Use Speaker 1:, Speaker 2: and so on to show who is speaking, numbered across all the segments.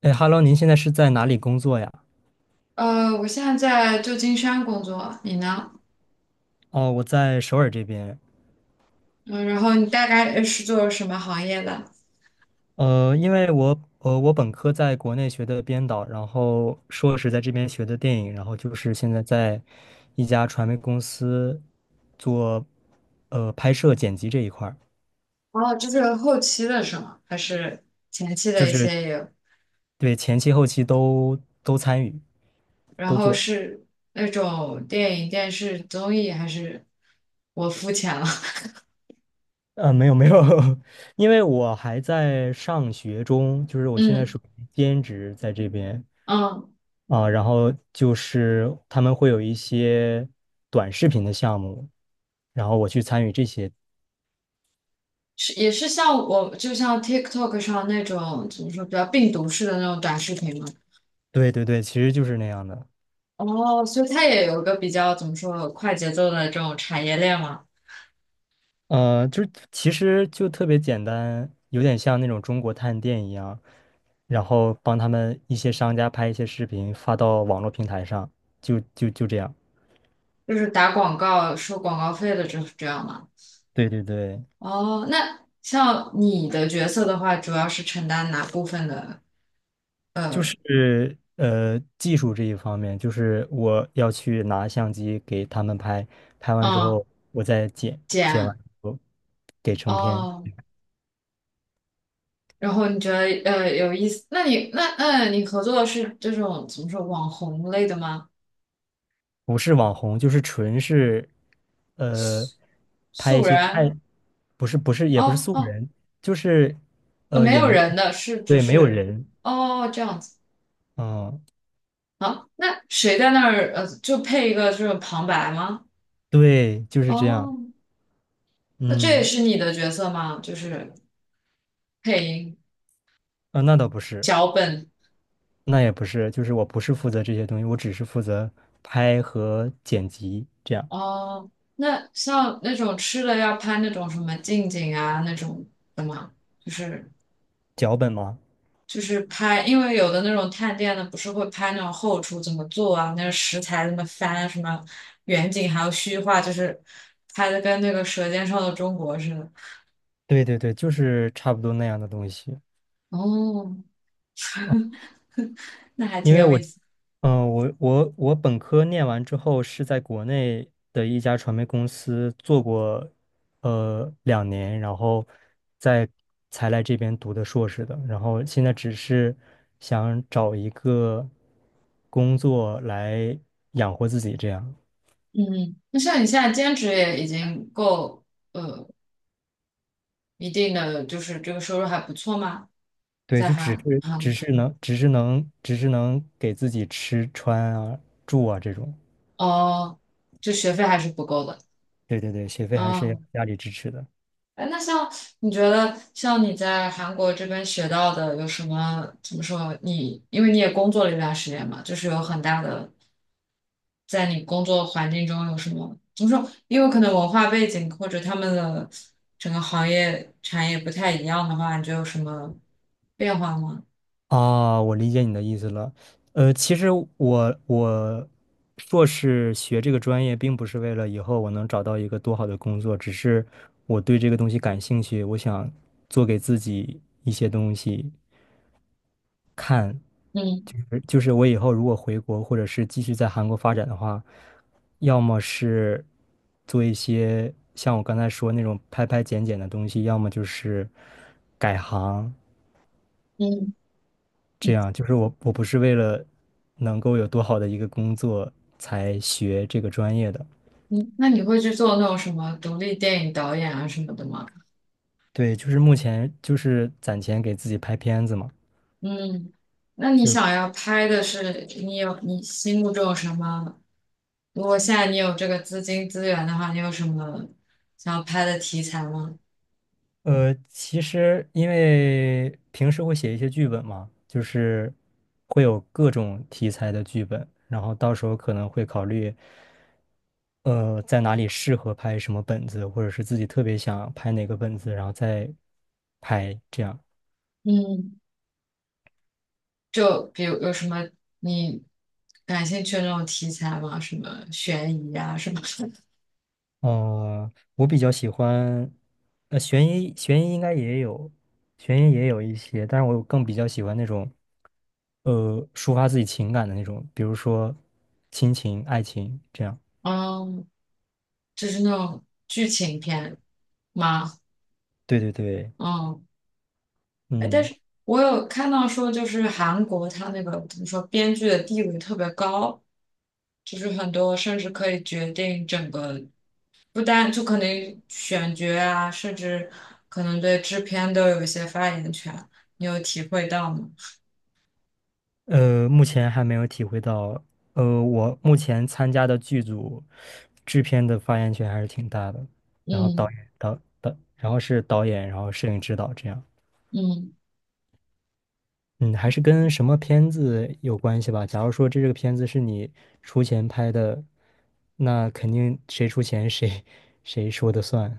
Speaker 1: 哎，Hello，您现在是在哪里工作呀？
Speaker 2: 我现在在旧金山工作，你呢？
Speaker 1: 哦，我在首尔这边。
Speaker 2: 嗯，然后你大概是做什么行业的？
Speaker 1: 因为我我本科在国内学的编导，然后硕士在这边学的电影，然后就是现在在一家传媒公司做拍摄剪辑这一块儿，
Speaker 2: 哦，就是后期的是吗？还是前期
Speaker 1: 就
Speaker 2: 的一
Speaker 1: 是
Speaker 2: 些也有？
Speaker 1: 对前期后期都参与
Speaker 2: 然
Speaker 1: 都
Speaker 2: 后
Speaker 1: 做。
Speaker 2: 是那种电影、电视、综艺，还是我肤浅了？
Speaker 1: 没有没有，因为我还在上学中，就是 我现在是
Speaker 2: 嗯
Speaker 1: 兼职在这边。
Speaker 2: 嗯，
Speaker 1: 啊，然后就是他们会有一些短视频的项目，然后我去参与这些。
Speaker 2: 是也是像我，就像 TikTok 上那种怎么说比较病毒式的那种短视频吗？
Speaker 1: 对对对，其实就是那样的。
Speaker 2: 哦，所以它也有个比较怎么说快节奏的这种产业链嘛。
Speaker 1: 就是其实就特别简单，有点像那种中国探店一样，然后帮他们一些商家拍一些视频发到网络平台上，就这样。
Speaker 2: 就是打广告收广告费的，这样吗？
Speaker 1: 对对对。
Speaker 2: 哦，那像你的角色的话，主要是承担哪部分的？
Speaker 1: 就
Speaker 2: 呃，
Speaker 1: 是技术这一方面，就是我要去拿相机给他们拍，拍完之
Speaker 2: 嗯，
Speaker 1: 后我再剪，剪
Speaker 2: 剪
Speaker 1: 完之后给成片。
Speaker 2: 哦，然后你觉得有意思？那你那嗯，你合作的是这种怎么说网红类的吗？
Speaker 1: 不是网红，就是纯是呃拍一
Speaker 2: 素
Speaker 1: 些
Speaker 2: 人？
Speaker 1: 菜，不是不是也不是
Speaker 2: 哦
Speaker 1: 素
Speaker 2: 哦，
Speaker 1: 人，就是
Speaker 2: 没
Speaker 1: 也
Speaker 2: 有
Speaker 1: 没
Speaker 2: 人
Speaker 1: 有
Speaker 2: 的是只
Speaker 1: 对没有
Speaker 2: 是
Speaker 1: 人。
Speaker 2: 哦这样子
Speaker 1: 嗯，
Speaker 2: 啊？那谁在那儿就配一个这种旁白吗？
Speaker 1: 对，就是这样。
Speaker 2: 哦，那这也
Speaker 1: 嗯，
Speaker 2: 是你的角色吗？就是配音。
Speaker 1: 啊那倒不是。
Speaker 2: 脚本
Speaker 1: 那也不是，就是我不是负责这些东西，我只是负责拍和剪辑这样。
Speaker 2: 哦，那像那种吃的要拍那种什么近景啊那种的吗？就是
Speaker 1: 脚本吗？
Speaker 2: 就是拍，因为有的那种探店的不是会拍那种后厨怎么做啊，那个食材怎么翻啊，什么远景还有虚化，就是拍的跟那个《舌尖上的中国》似的。
Speaker 1: 对对对，就是差不多那样的东西。
Speaker 2: 哦，那还
Speaker 1: 因
Speaker 2: 挺
Speaker 1: 为
Speaker 2: 有
Speaker 1: 我，
Speaker 2: 意思。
Speaker 1: 嗯、我本科念完之后是在国内的一家传媒公司做过，两年，然后再才来这边读的硕士的。然后现在只是想找一个工作来养活自己，这样。
Speaker 2: 嗯，那像你现在兼职也已经够呃一定的，就是这个收入还不错吗？
Speaker 1: 对，
Speaker 2: 在
Speaker 1: 就只
Speaker 2: 韩
Speaker 1: 是只
Speaker 2: 韩
Speaker 1: 是能只是能只是能给自己吃穿啊住啊这种。
Speaker 2: 哦，就学费还是不够的。
Speaker 1: 对对对，学费还是要
Speaker 2: 啊！
Speaker 1: 家里支持的。
Speaker 2: 哎，那像你觉得，像你在韩国这边学到的有什么？怎么说？你因为你也工作了一段时间嘛，就是有很大的，在你工作环境中有什么？怎么说？因为可能文化背景或者他们的整个行业产业不太一样的话，你觉得有什么变化吗？
Speaker 1: 啊，我理解你的意思了。其实我硕士学这个专业，并不是为了以后我能找到一个多好的工作，只是我对这个东西感兴趣，我想做给自己一些东西。
Speaker 2: 嗯
Speaker 1: 而就是我以后如果回国，或者是继续在韩国发展的话，要么是做一些像我刚才说那种拍拍剪剪的东西，要么就是改行。
Speaker 2: 嗯
Speaker 1: 这样，就是我不是为了能够有多好的一个工作才学这个专业的。
Speaker 2: 嗯，那你会去做那种什么独立电影导演啊什么的吗？
Speaker 1: 对，就是目前就是攒钱给自己拍片子嘛，
Speaker 2: 嗯，那你
Speaker 1: 就是
Speaker 2: 想要拍的是你有你心目中有什么？如果现在你有这个资金资源的话，你有什么想要拍的题材吗？
Speaker 1: 其实因为平时会写一些剧本嘛，就是会有各种题材的剧本，然后到时候可能会考虑在哪里适合拍什么本子，或者是自己特别想拍哪个本子，然后再拍这样。
Speaker 2: 嗯，就比如有什么你感兴趣的那种题材吗？什么悬疑啊什么的？
Speaker 1: 我比较喜欢，悬疑应该也有，悬疑也有一些，但是我更比较喜欢那种，抒发自己情感的那种，比如说亲情、爱情这样。
Speaker 2: 嗯，就是那种剧情片吗？
Speaker 1: 对对对，
Speaker 2: 嗯，哎，但
Speaker 1: 嗯，
Speaker 2: 是我有看到说，就是韩国它那个怎么说，编剧的地位特别高。就是很多甚至可以决定整个，不单就可能选角啊，甚至可能对制片都有一些发言权，你有体会到吗？
Speaker 1: 目前还没有体会到。我目前参加的剧组制片的发言权还是挺大的，然后导
Speaker 2: 嗯
Speaker 1: 演导导，然后是导演，然后摄影指导这样。
Speaker 2: 嗯
Speaker 1: 嗯，还是跟什么片子有关系吧。假如说这个片子是你出钱拍的，那肯定谁出钱谁说的算。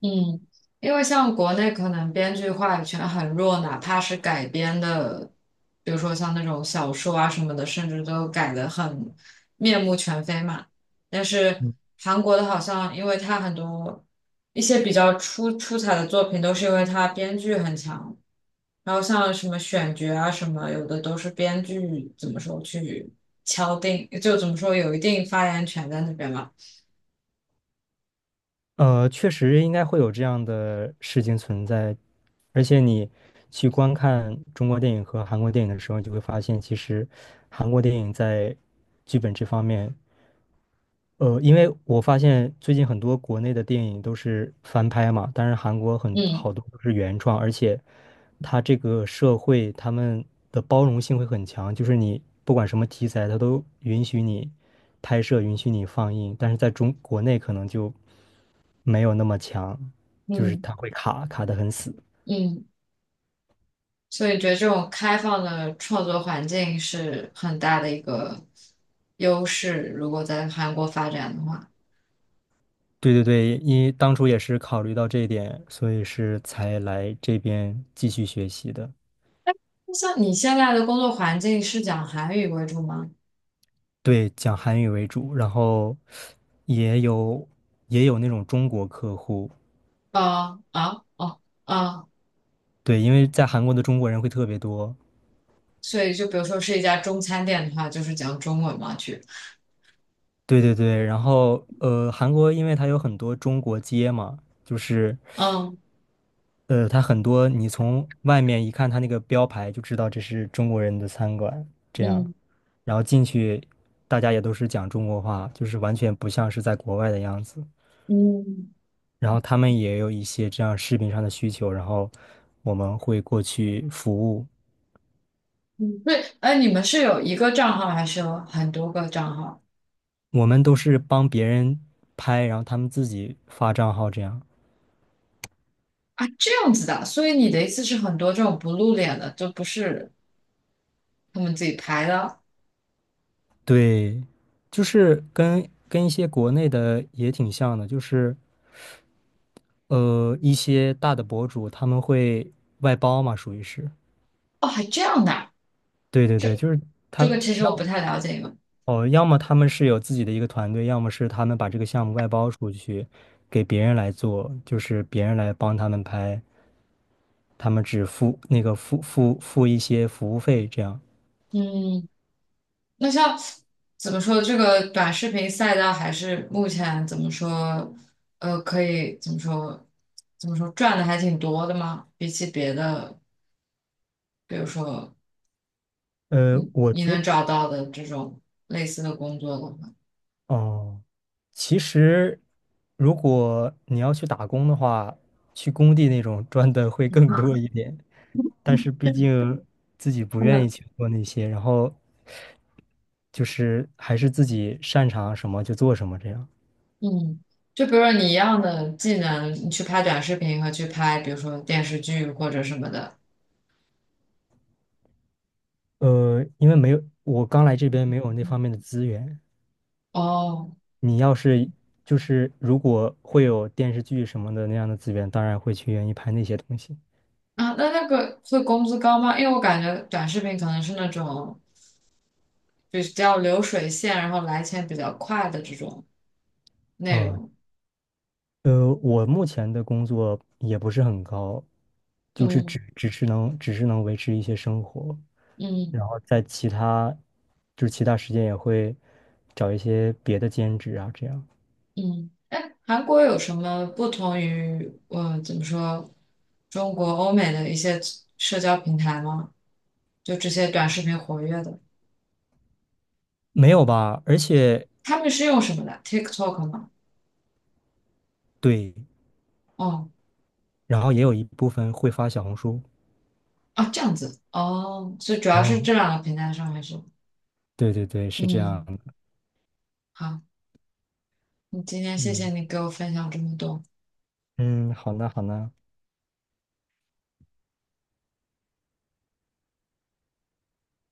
Speaker 2: 嗯，因为像国内可能编剧话语权很弱，哪怕是改编的，比如说像那种小说啊什么的，甚至都改得很面目全非嘛。但是
Speaker 1: 嗯，
Speaker 2: 韩国的好像，因为它很多一些比较出彩的作品，都是因为它编剧很强，然后像什么选角啊什么，有的都是编剧怎么说去敲定，就怎么说有一定发言权在那边嘛。
Speaker 1: 确实应该会有这样的事情存在。而且你去观看中国电影和韩国电影的时候，你就会发现，其实韩国电影在剧本这方面因为我发现最近很多国内的电影都是翻拍嘛，但是韩国很
Speaker 2: 嗯
Speaker 1: 好多都是原创，而且它这个社会他们的包容性会很强，就是你不管什么题材，它都允许你拍摄，允许你放映，但是在中国内可能就没有那么强，就是
Speaker 2: 嗯
Speaker 1: 它会卡卡的很死。
Speaker 2: 嗯，所以觉得这种开放的创作环境是很大的一个优势，如果在韩国发展的话。
Speaker 1: 对对对，因为当初也是考虑到这一点，所以是才来这边继续学习的。
Speaker 2: 那像你现在的工作环境是讲韩语为主吗？
Speaker 1: 对，讲韩语为主，然后也有也有那种中国客户。
Speaker 2: 啊啊哦啊，
Speaker 1: 对，因为在韩国的中国人会特别多。
Speaker 2: 所以就比如说是一家中餐店的话，就是讲中文嘛去。
Speaker 1: 对对对，然后韩国因为它有很多中国街嘛，就是
Speaker 2: 嗯
Speaker 1: 它很多你从外面一看它那个标牌就知道这是中国人的餐馆，这样，
Speaker 2: 嗯
Speaker 1: 然后进去大家也都是讲中国话，就是完全不像是在国外的样子。
Speaker 2: 嗯
Speaker 1: 然后他们也有一些这样视频上的需求，然后我们会过去服务。
Speaker 2: 嗯，对，哎，你们是有一个账号还是有很多个账号
Speaker 1: 我们都是帮别人拍，然后他们自己发账号这样。
Speaker 2: 啊？这样子的啊，所以你的意思是很多这种不露脸的，就不是他们自己排的
Speaker 1: 对，就是跟一些国内的也挺像的，就是一些大的博主他们会外包嘛，属于是。
Speaker 2: 哦，还这样的啊
Speaker 1: 对对对，就是他
Speaker 2: 这个
Speaker 1: 们
Speaker 2: 其实我不太了解你们
Speaker 1: 哦，要么他们是有自己的一个团队，要么是他们把这个项目外包出去给别人来做，就是别人来帮他们拍，他们只付那个付一些服务费这样。
Speaker 2: 嗯，那像怎么说，这个短视频赛道还是目前怎么说，可以怎么说，怎么说赚的还挺多的吗？比起别的，比如说
Speaker 1: 呃，
Speaker 2: 你
Speaker 1: 我
Speaker 2: 你
Speaker 1: 觉
Speaker 2: 能找到的这种类似的工作的话。
Speaker 1: 哦，其实如果你要去打工的话，去工地那种赚的会更多一点，但是毕竟自己不愿意去做那些，然后就是还是自己擅长什么就做什么这样。
Speaker 2: 嗯，就比如说你一样的技能，你去拍短视频和去拍，比如说电视剧或者什么的。
Speaker 1: 因为没有，我刚来这边没有那方面的资源。
Speaker 2: 哦，
Speaker 1: 你要是就是如果会有电视剧什么的那样的资源，当然会去愿意拍那些东西。
Speaker 2: 啊，那个会工资高吗？因为我感觉短视频可能是那种比较流水线，然后来钱比较快的这种内
Speaker 1: 啊、
Speaker 2: 容。
Speaker 1: 我目前的工作也不是很高，就是
Speaker 2: 嗯
Speaker 1: 只是能维持一些生活，
Speaker 2: 嗯
Speaker 1: 然后在其他就是其他时间也会找一些别的兼职啊，这样。
Speaker 2: 嗯。哎，韩国有什么不同于我怎么说中国、欧美的一些社交平台吗？就这些短视频活跃的，
Speaker 1: 没有吧？而且
Speaker 2: 他们是用什么的？TikTok 吗？
Speaker 1: 对，
Speaker 2: 哦。
Speaker 1: 然后也有一部分会发小红书。
Speaker 2: 啊，这样子哦，所以主要是
Speaker 1: 嗯，
Speaker 2: 这两个平台上面是，
Speaker 1: 对对对，是这样
Speaker 2: 嗯，
Speaker 1: 的。
Speaker 2: 好，你今天谢谢
Speaker 1: 嗯
Speaker 2: 你给我分享这么多。
Speaker 1: 嗯，好呢好呢。